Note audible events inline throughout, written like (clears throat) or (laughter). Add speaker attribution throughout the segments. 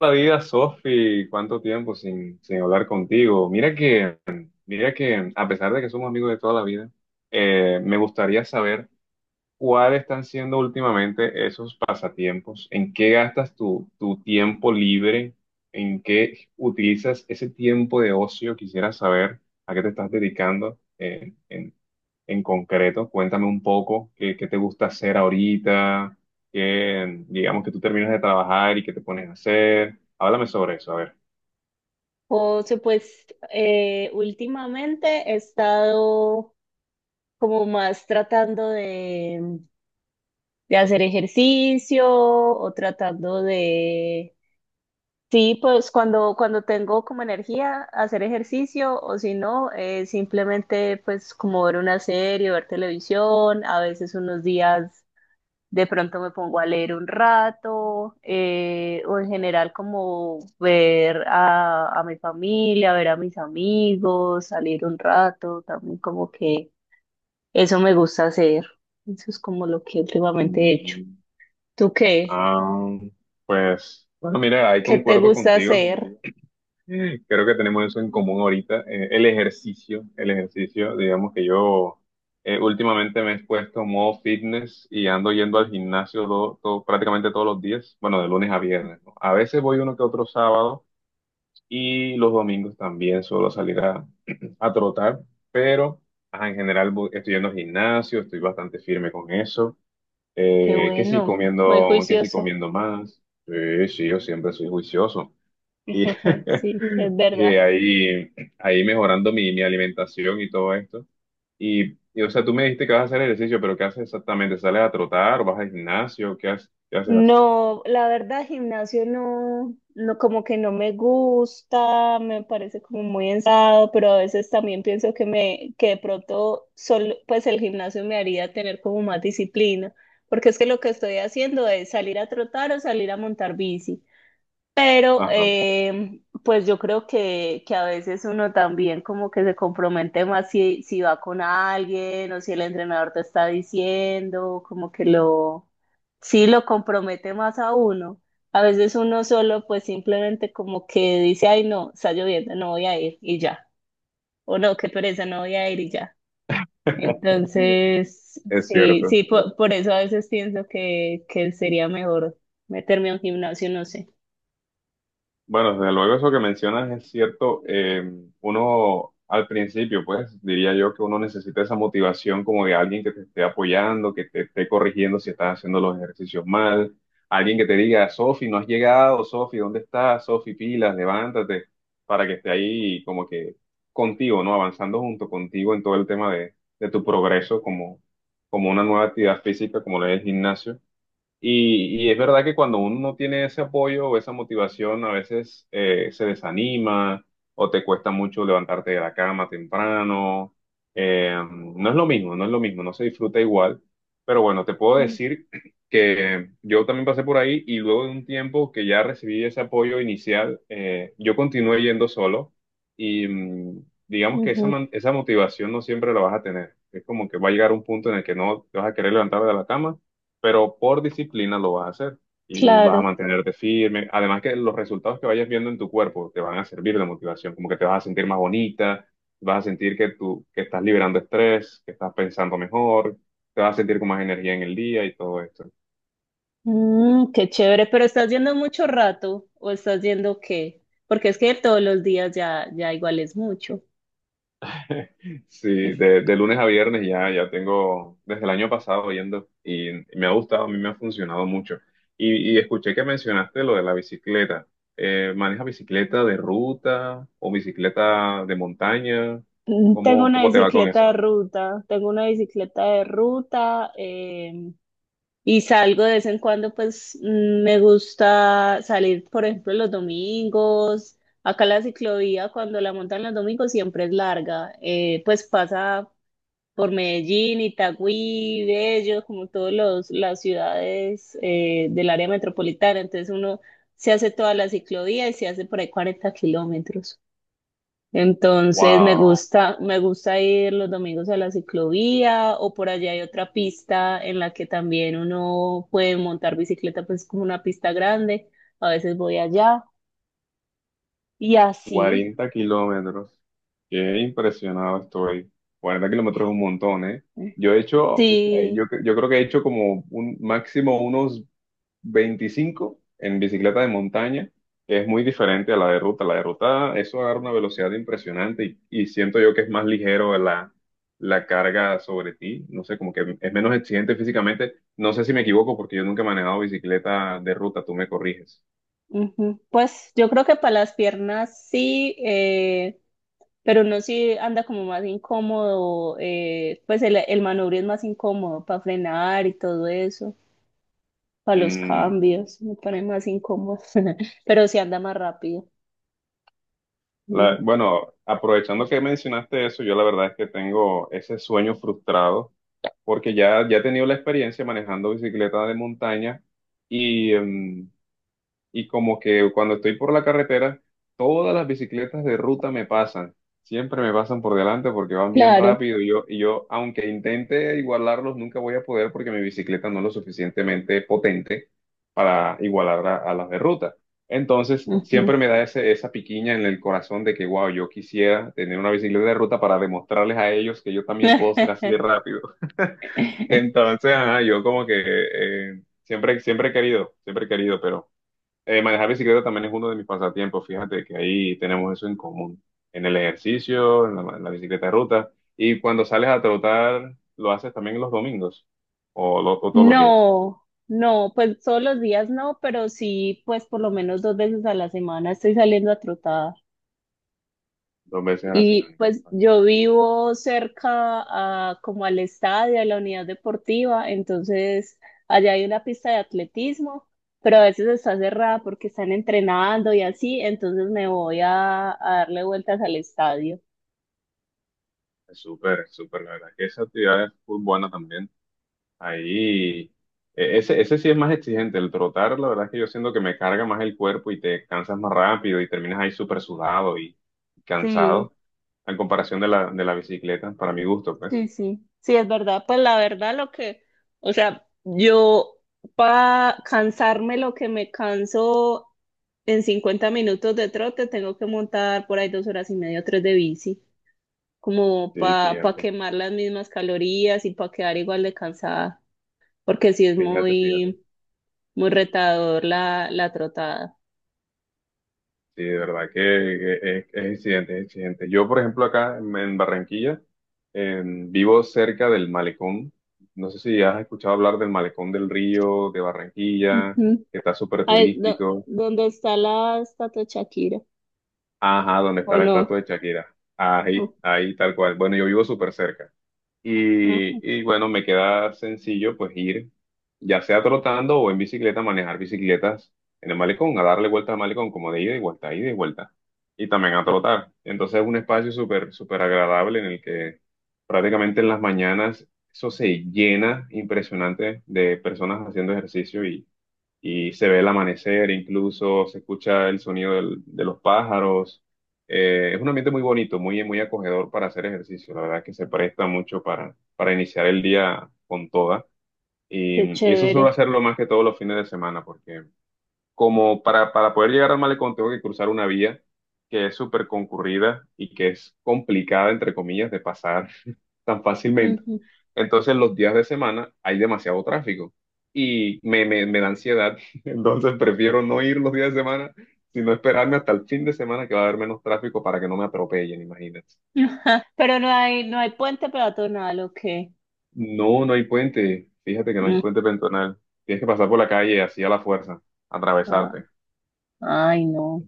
Speaker 1: La vida, Sofi? ¿Cuánto tiempo sin hablar contigo? Mira que a pesar de que somos amigos de toda la vida, me gustaría saber cuáles están siendo últimamente esos pasatiempos, en qué gastas tu tiempo libre, en qué utilizas ese tiempo de ocio. Quisiera saber a qué te estás dedicando en concreto. Cuéntame un poco qué te gusta hacer ahorita, qué, digamos que tú terminas de trabajar y qué te pones a hacer. Háblame sobre eso, a ver.
Speaker 2: José, pues últimamente he estado como más tratando de hacer ejercicio o tratando de, sí, pues cuando tengo como energía, hacer ejercicio o si no, simplemente pues como ver una serie, ver televisión, a veces unos días de pronto me pongo a leer un rato, o en general como ver a mi familia, ver a mis amigos, salir un rato, también como que eso me gusta hacer. Eso es como lo que últimamente he hecho.
Speaker 1: Mm,
Speaker 2: ¿Tú qué?
Speaker 1: ah, pues, bueno, mira, ahí
Speaker 2: ¿Qué te
Speaker 1: concuerdo
Speaker 2: gusta
Speaker 1: contigo.
Speaker 2: hacer?
Speaker 1: Creo que tenemos eso en común ahorita. El ejercicio, digamos que yo últimamente me he puesto modo fitness y ando yendo al gimnasio prácticamente todos los días, bueno, de lunes a viernes, ¿no? A veces voy uno que otro sábado y los domingos también suelo salir a, (clears throat) a trotar, pero ajá, en general estoy yendo al gimnasio, estoy bastante firme con eso.
Speaker 2: Qué
Speaker 1: Que sí
Speaker 2: bueno, muy
Speaker 1: comiendo, que sí
Speaker 2: juicioso.
Speaker 1: comiendo más. Sí, sí, yo siempre soy juicioso. Y,
Speaker 2: (laughs)
Speaker 1: (laughs)
Speaker 2: Sí, es
Speaker 1: y
Speaker 2: verdad.
Speaker 1: ahí mejorando mi alimentación y todo esto. O sea, tú me dijiste que vas a hacer ejercicio, pero ¿qué haces exactamente? ¿Sales a trotar? O ¿vas al gimnasio? ¿Qué haces? ¿Qué haces?
Speaker 2: No, la verdad, gimnasio no, no, como que no me gusta, me parece como muy ensado, pero a veces también pienso que me, que de pronto solo, pues el gimnasio me haría tener como más disciplina, porque es que lo que estoy haciendo es salir a trotar o salir a montar bici. Pero
Speaker 1: Ajá,
Speaker 2: pues yo creo que a veces uno también como que se compromete más si, va con alguien o si el entrenador te está diciendo, como que lo, sí lo compromete más a uno. A veces uno solo pues simplemente como que dice, ay no, está lloviendo, no voy a ir y ya. O no, qué pereza, no voy a ir y ya.
Speaker 1: (laughs)
Speaker 2: Entonces,
Speaker 1: es
Speaker 2: sí,
Speaker 1: cierto.
Speaker 2: sí, por eso a veces pienso que sería mejor meterme a un gimnasio, no sé.
Speaker 1: Bueno, desde luego eso que mencionas es cierto. Uno al principio, pues diría yo que uno necesita esa motivación como de alguien que te esté apoyando, que te esté corrigiendo si estás haciendo los ejercicios mal, alguien que te diga, Sofi, no has llegado, Sofi, ¿dónde estás? Sofi, pilas, levántate, para que esté ahí como que contigo, ¿no? Avanzando junto contigo en todo el tema de tu progreso como, como una nueva actividad física, como lo es el gimnasio. Y es verdad que cuando uno no tiene ese apoyo o esa motivación, a veces se desanima o te cuesta mucho levantarte de la cama temprano. Eh, no es lo mismo, no es lo mismo, no se disfruta igual. Pero bueno, te puedo decir (clears throat) que yo también pasé por ahí y luego de un tiempo que ya recibí ese apoyo inicial, yo continué yendo solo y mm, digamos que esa,
Speaker 2: Ujú.
Speaker 1: esa motivación no siempre la vas a tener. Es como que va a llegar un punto en el que no te vas a querer levantar de la cama, pero por disciplina lo vas a hacer y vas a
Speaker 2: Claro.
Speaker 1: mantenerte firme. Además que los resultados que vayas viendo en tu cuerpo te van a servir de motivación, como que te vas a sentir más bonita, vas a sentir que tú que estás liberando estrés, que estás pensando mejor, te vas a sentir con más energía en el día y todo esto.
Speaker 2: Mm, qué chévere, pero ¿estás yendo mucho rato o estás yendo qué? Porque es que todos los días ya, ya igual es mucho.
Speaker 1: (laughs) Sí, de lunes a viernes, ya tengo desde el año pasado yendo y me ha gustado, a mí me ha funcionado mucho. Y escuché que mencionaste lo de la bicicleta. ¿Manejas bicicleta de ruta o bicicleta de montaña?
Speaker 2: Mm, tengo
Speaker 1: ¿Cómo,
Speaker 2: una
Speaker 1: cómo te va con eso?
Speaker 2: bicicleta de ruta, tengo una bicicleta de ruta y salgo de vez en cuando, pues me gusta salir, por ejemplo, los domingos. Acá la ciclovía, cuando la montan los domingos, siempre es larga, pues pasa por Medellín, Itagüí, Bello, como todas las ciudades del área metropolitana. Entonces uno se hace toda la ciclovía y se hace por ahí 40 kilómetros. Entonces
Speaker 1: Wow,
Speaker 2: me gusta ir los domingos a la ciclovía o por allá hay otra pista en la que también uno puede montar bicicleta, pues como una pista grande. A veces voy allá y así.
Speaker 1: 40 kilómetros. Qué impresionado estoy. 40 kilómetros es un montón, ¿eh? Yo he hecho,
Speaker 2: Sí,
Speaker 1: yo creo que he hecho como un máximo unos 25 en bicicleta de montaña. Es muy diferente a la de ruta. La de ruta, eso agarra una velocidad impresionante y siento yo que es más ligero la carga sobre ti. No sé, como que es menos exigente físicamente. No sé si me equivoco porque yo nunca he manejado bicicleta de ruta, tú me corriges.
Speaker 2: ujú. Pues yo creo que para las piernas sí. Pero no si anda como más incómodo, pues el manubrio es más incómodo para frenar y todo eso, para los
Speaker 1: Mm,
Speaker 2: cambios, me pone más incómodo, (laughs) pero si anda más rápido. Mm.
Speaker 1: bueno, aprovechando que mencionaste eso, yo la verdad es que tengo ese sueño frustrado porque ya he tenido la experiencia manejando bicicleta de montaña y... y como que cuando estoy por la carretera, todas las bicicletas de ruta me pasan. Siempre me pasan por delante porque van bien
Speaker 2: Claro.
Speaker 1: rápido y yo, aunque intente igualarlos, nunca voy a poder porque mi bicicleta no es lo suficientemente potente para igualar a las de ruta. Entonces,
Speaker 2: Ujú.
Speaker 1: siempre me da ese, esa piquiña en el corazón de que, wow, yo quisiera tener una bicicleta de ruta para demostrarles a ellos que yo también puedo ser así de
Speaker 2: (laughs)
Speaker 1: rápido. (laughs) Entonces, ajá, yo como que siempre he querido, siempre he querido, pero... manejar bicicleta también es uno de mis pasatiempos, fíjate que ahí tenemos eso en común, en el ejercicio, en en la bicicleta de ruta, y cuando sales a trotar, lo haces también los domingos, o, o todos los días,
Speaker 2: No, no, pues todos los días no, pero sí, pues por lo menos dos veces a la semana estoy saliendo a trotar.
Speaker 1: dos veces a la
Speaker 2: Y
Speaker 1: semana.
Speaker 2: pues
Speaker 1: Bueno,
Speaker 2: yo vivo cerca a, como al estadio, a la unidad deportiva, entonces allá hay una pista de atletismo, pero a veces está cerrada porque están entrenando y así, entonces me voy a darle vueltas al estadio.
Speaker 1: es súper, súper, la verdad, que esa actividad es muy buena también. Ahí, ese sí es más exigente, el trotar, la verdad es que yo siento que me carga más el cuerpo y te cansas más rápido y terminas ahí súper sudado y
Speaker 2: Sí,
Speaker 1: cansado, en comparación de de la bicicleta, para mi gusto,
Speaker 2: sí,
Speaker 1: pues.
Speaker 2: sí, sí, es verdad, pues la verdad lo que, o sea, yo para cansarme lo que me canso en 50 minutos de trote, tengo que montar por ahí 2 horas y media, 3 de bici, como
Speaker 1: Sí,
Speaker 2: para
Speaker 1: fíjate,
Speaker 2: quemar las mismas calorías y para quedar igual de cansada, porque sí es
Speaker 1: fíjate, fíjate.
Speaker 2: muy, muy retador la, la trotada.
Speaker 1: Sí, de verdad que es exigente, es exigente. Yo, por ejemplo, acá en Barranquilla, vivo cerca del malecón. No sé si has escuchado hablar del malecón del río de Barranquilla,
Speaker 2: Ujú.
Speaker 1: que está súper
Speaker 2: Ay, do-
Speaker 1: turístico.
Speaker 2: ¿dónde está la estatua de Shakira?
Speaker 1: Ajá, donde está
Speaker 2: ¿O
Speaker 1: la
Speaker 2: no?
Speaker 1: estatua de Shakira. Ahí,
Speaker 2: Oh,
Speaker 1: ahí, tal cual. Bueno, yo vivo súper cerca. Y,
Speaker 2: ajá.
Speaker 1: y bueno, me queda sencillo pues ir, ya sea trotando o en bicicleta, manejar bicicletas en el malecón, a darle vuelta al malecón como de ida y vuelta, ida y vuelta. Y también a trotar. Entonces es un espacio súper, súper agradable en el que prácticamente en las mañanas eso se llena impresionante de personas haciendo ejercicio y se ve el amanecer, incluso se escucha el sonido de los pájaros. Es un ambiente muy bonito, muy, muy acogedor para hacer ejercicio. La verdad que se presta mucho para iniciar el día con toda.
Speaker 2: Qué
Speaker 1: Y eso suelo
Speaker 2: chévere.
Speaker 1: hacerlo más que todos los fines de semana, porque como para poder llegar al malecón tengo que cruzar una vía que es súper concurrida y que es complicada, entre comillas, de pasar (laughs) tan fácilmente.
Speaker 2: Ujú.
Speaker 1: Entonces, los días de semana hay demasiado tráfico y me da ansiedad. (laughs) Entonces, prefiero no ir los días de semana, sino esperarme hasta el fin de semana que va a haber menos tráfico para que no me atropellen, imagínate.
Speaker 2: (laughs) Pero no hay, no hay puente peatonal, ¿o qué?
Speaker 1: No, no hay puente. Fíjate que no hay
Speaker 2: Mm,
Speaker 1: puente peatonal. Tienes que pasar por la calle así a la fuerza,
Speaker 2: ah,
Speaker 1: atravesarte.
Speaker 2: ay, no,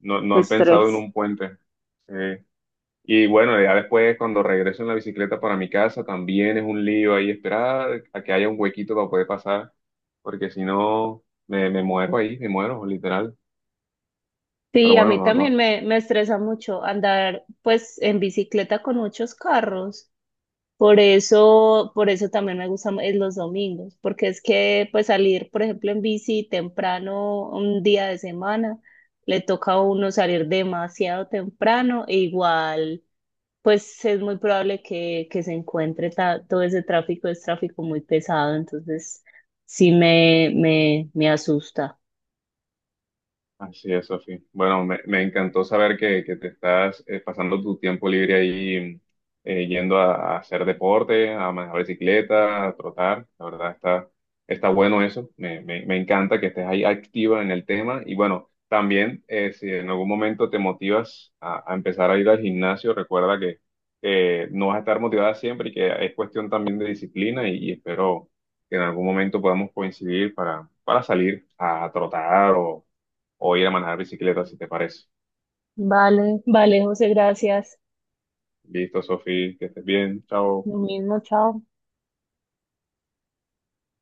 Speaker 1: No, no
Speaker 2: qué
Speaker 1: han pensado en
Speaker 2: estrés.
Speaker 1: un puente. Sí. Y bueno, ya después cuando regreso en la bicicleta para mi casa, también es un lío ahí esperar a que haya un huequito para poder pasar, porque si no, me muero ahí, me muero, literal. Pero
Speaker 2: Sí, a
Speaker 1: bueno,
Speaker 2: mí
Speaker 1: no,
Speaker 2: también
Speaker 1: no
Speaker 2: me, estresa mucho andar pues en bicicleta con muchos carros. Por eso también me gustan los domingos, porque es que pues salir, por ejemplo, en bici temprano un día de semana, le toca a uno salir demasiado temprano e igual pues es muy probable que, se encuentre todo ese tráfico, es tráfico muy pesado, entonces sí me, me asusta.
Speaker 1: así es, Sofía. Bueno, me encantó saber que te estás pasando tu tiempo libre ahí yendo a hacer deporte, a manejar bicicleta, a trotar. La verdad está, está bueno eso. Me encanta que estés ahí activa en el tema. Y bueno, también si en algún momento te motivas a empezar a ir al gimnasio, recuerda que no vas a estar motivada siempre y que es cuestión también de disciplina y espero que en algún momento podamos coincidir para salir a trotar o ir a manejar bicicleta, si te parece.
Speaker 2: Vale, vale, José, gracias.
Speaker 1: Listo, Sofi, que estés bien. Chao.
Speaker 2: Lo mismo, chao.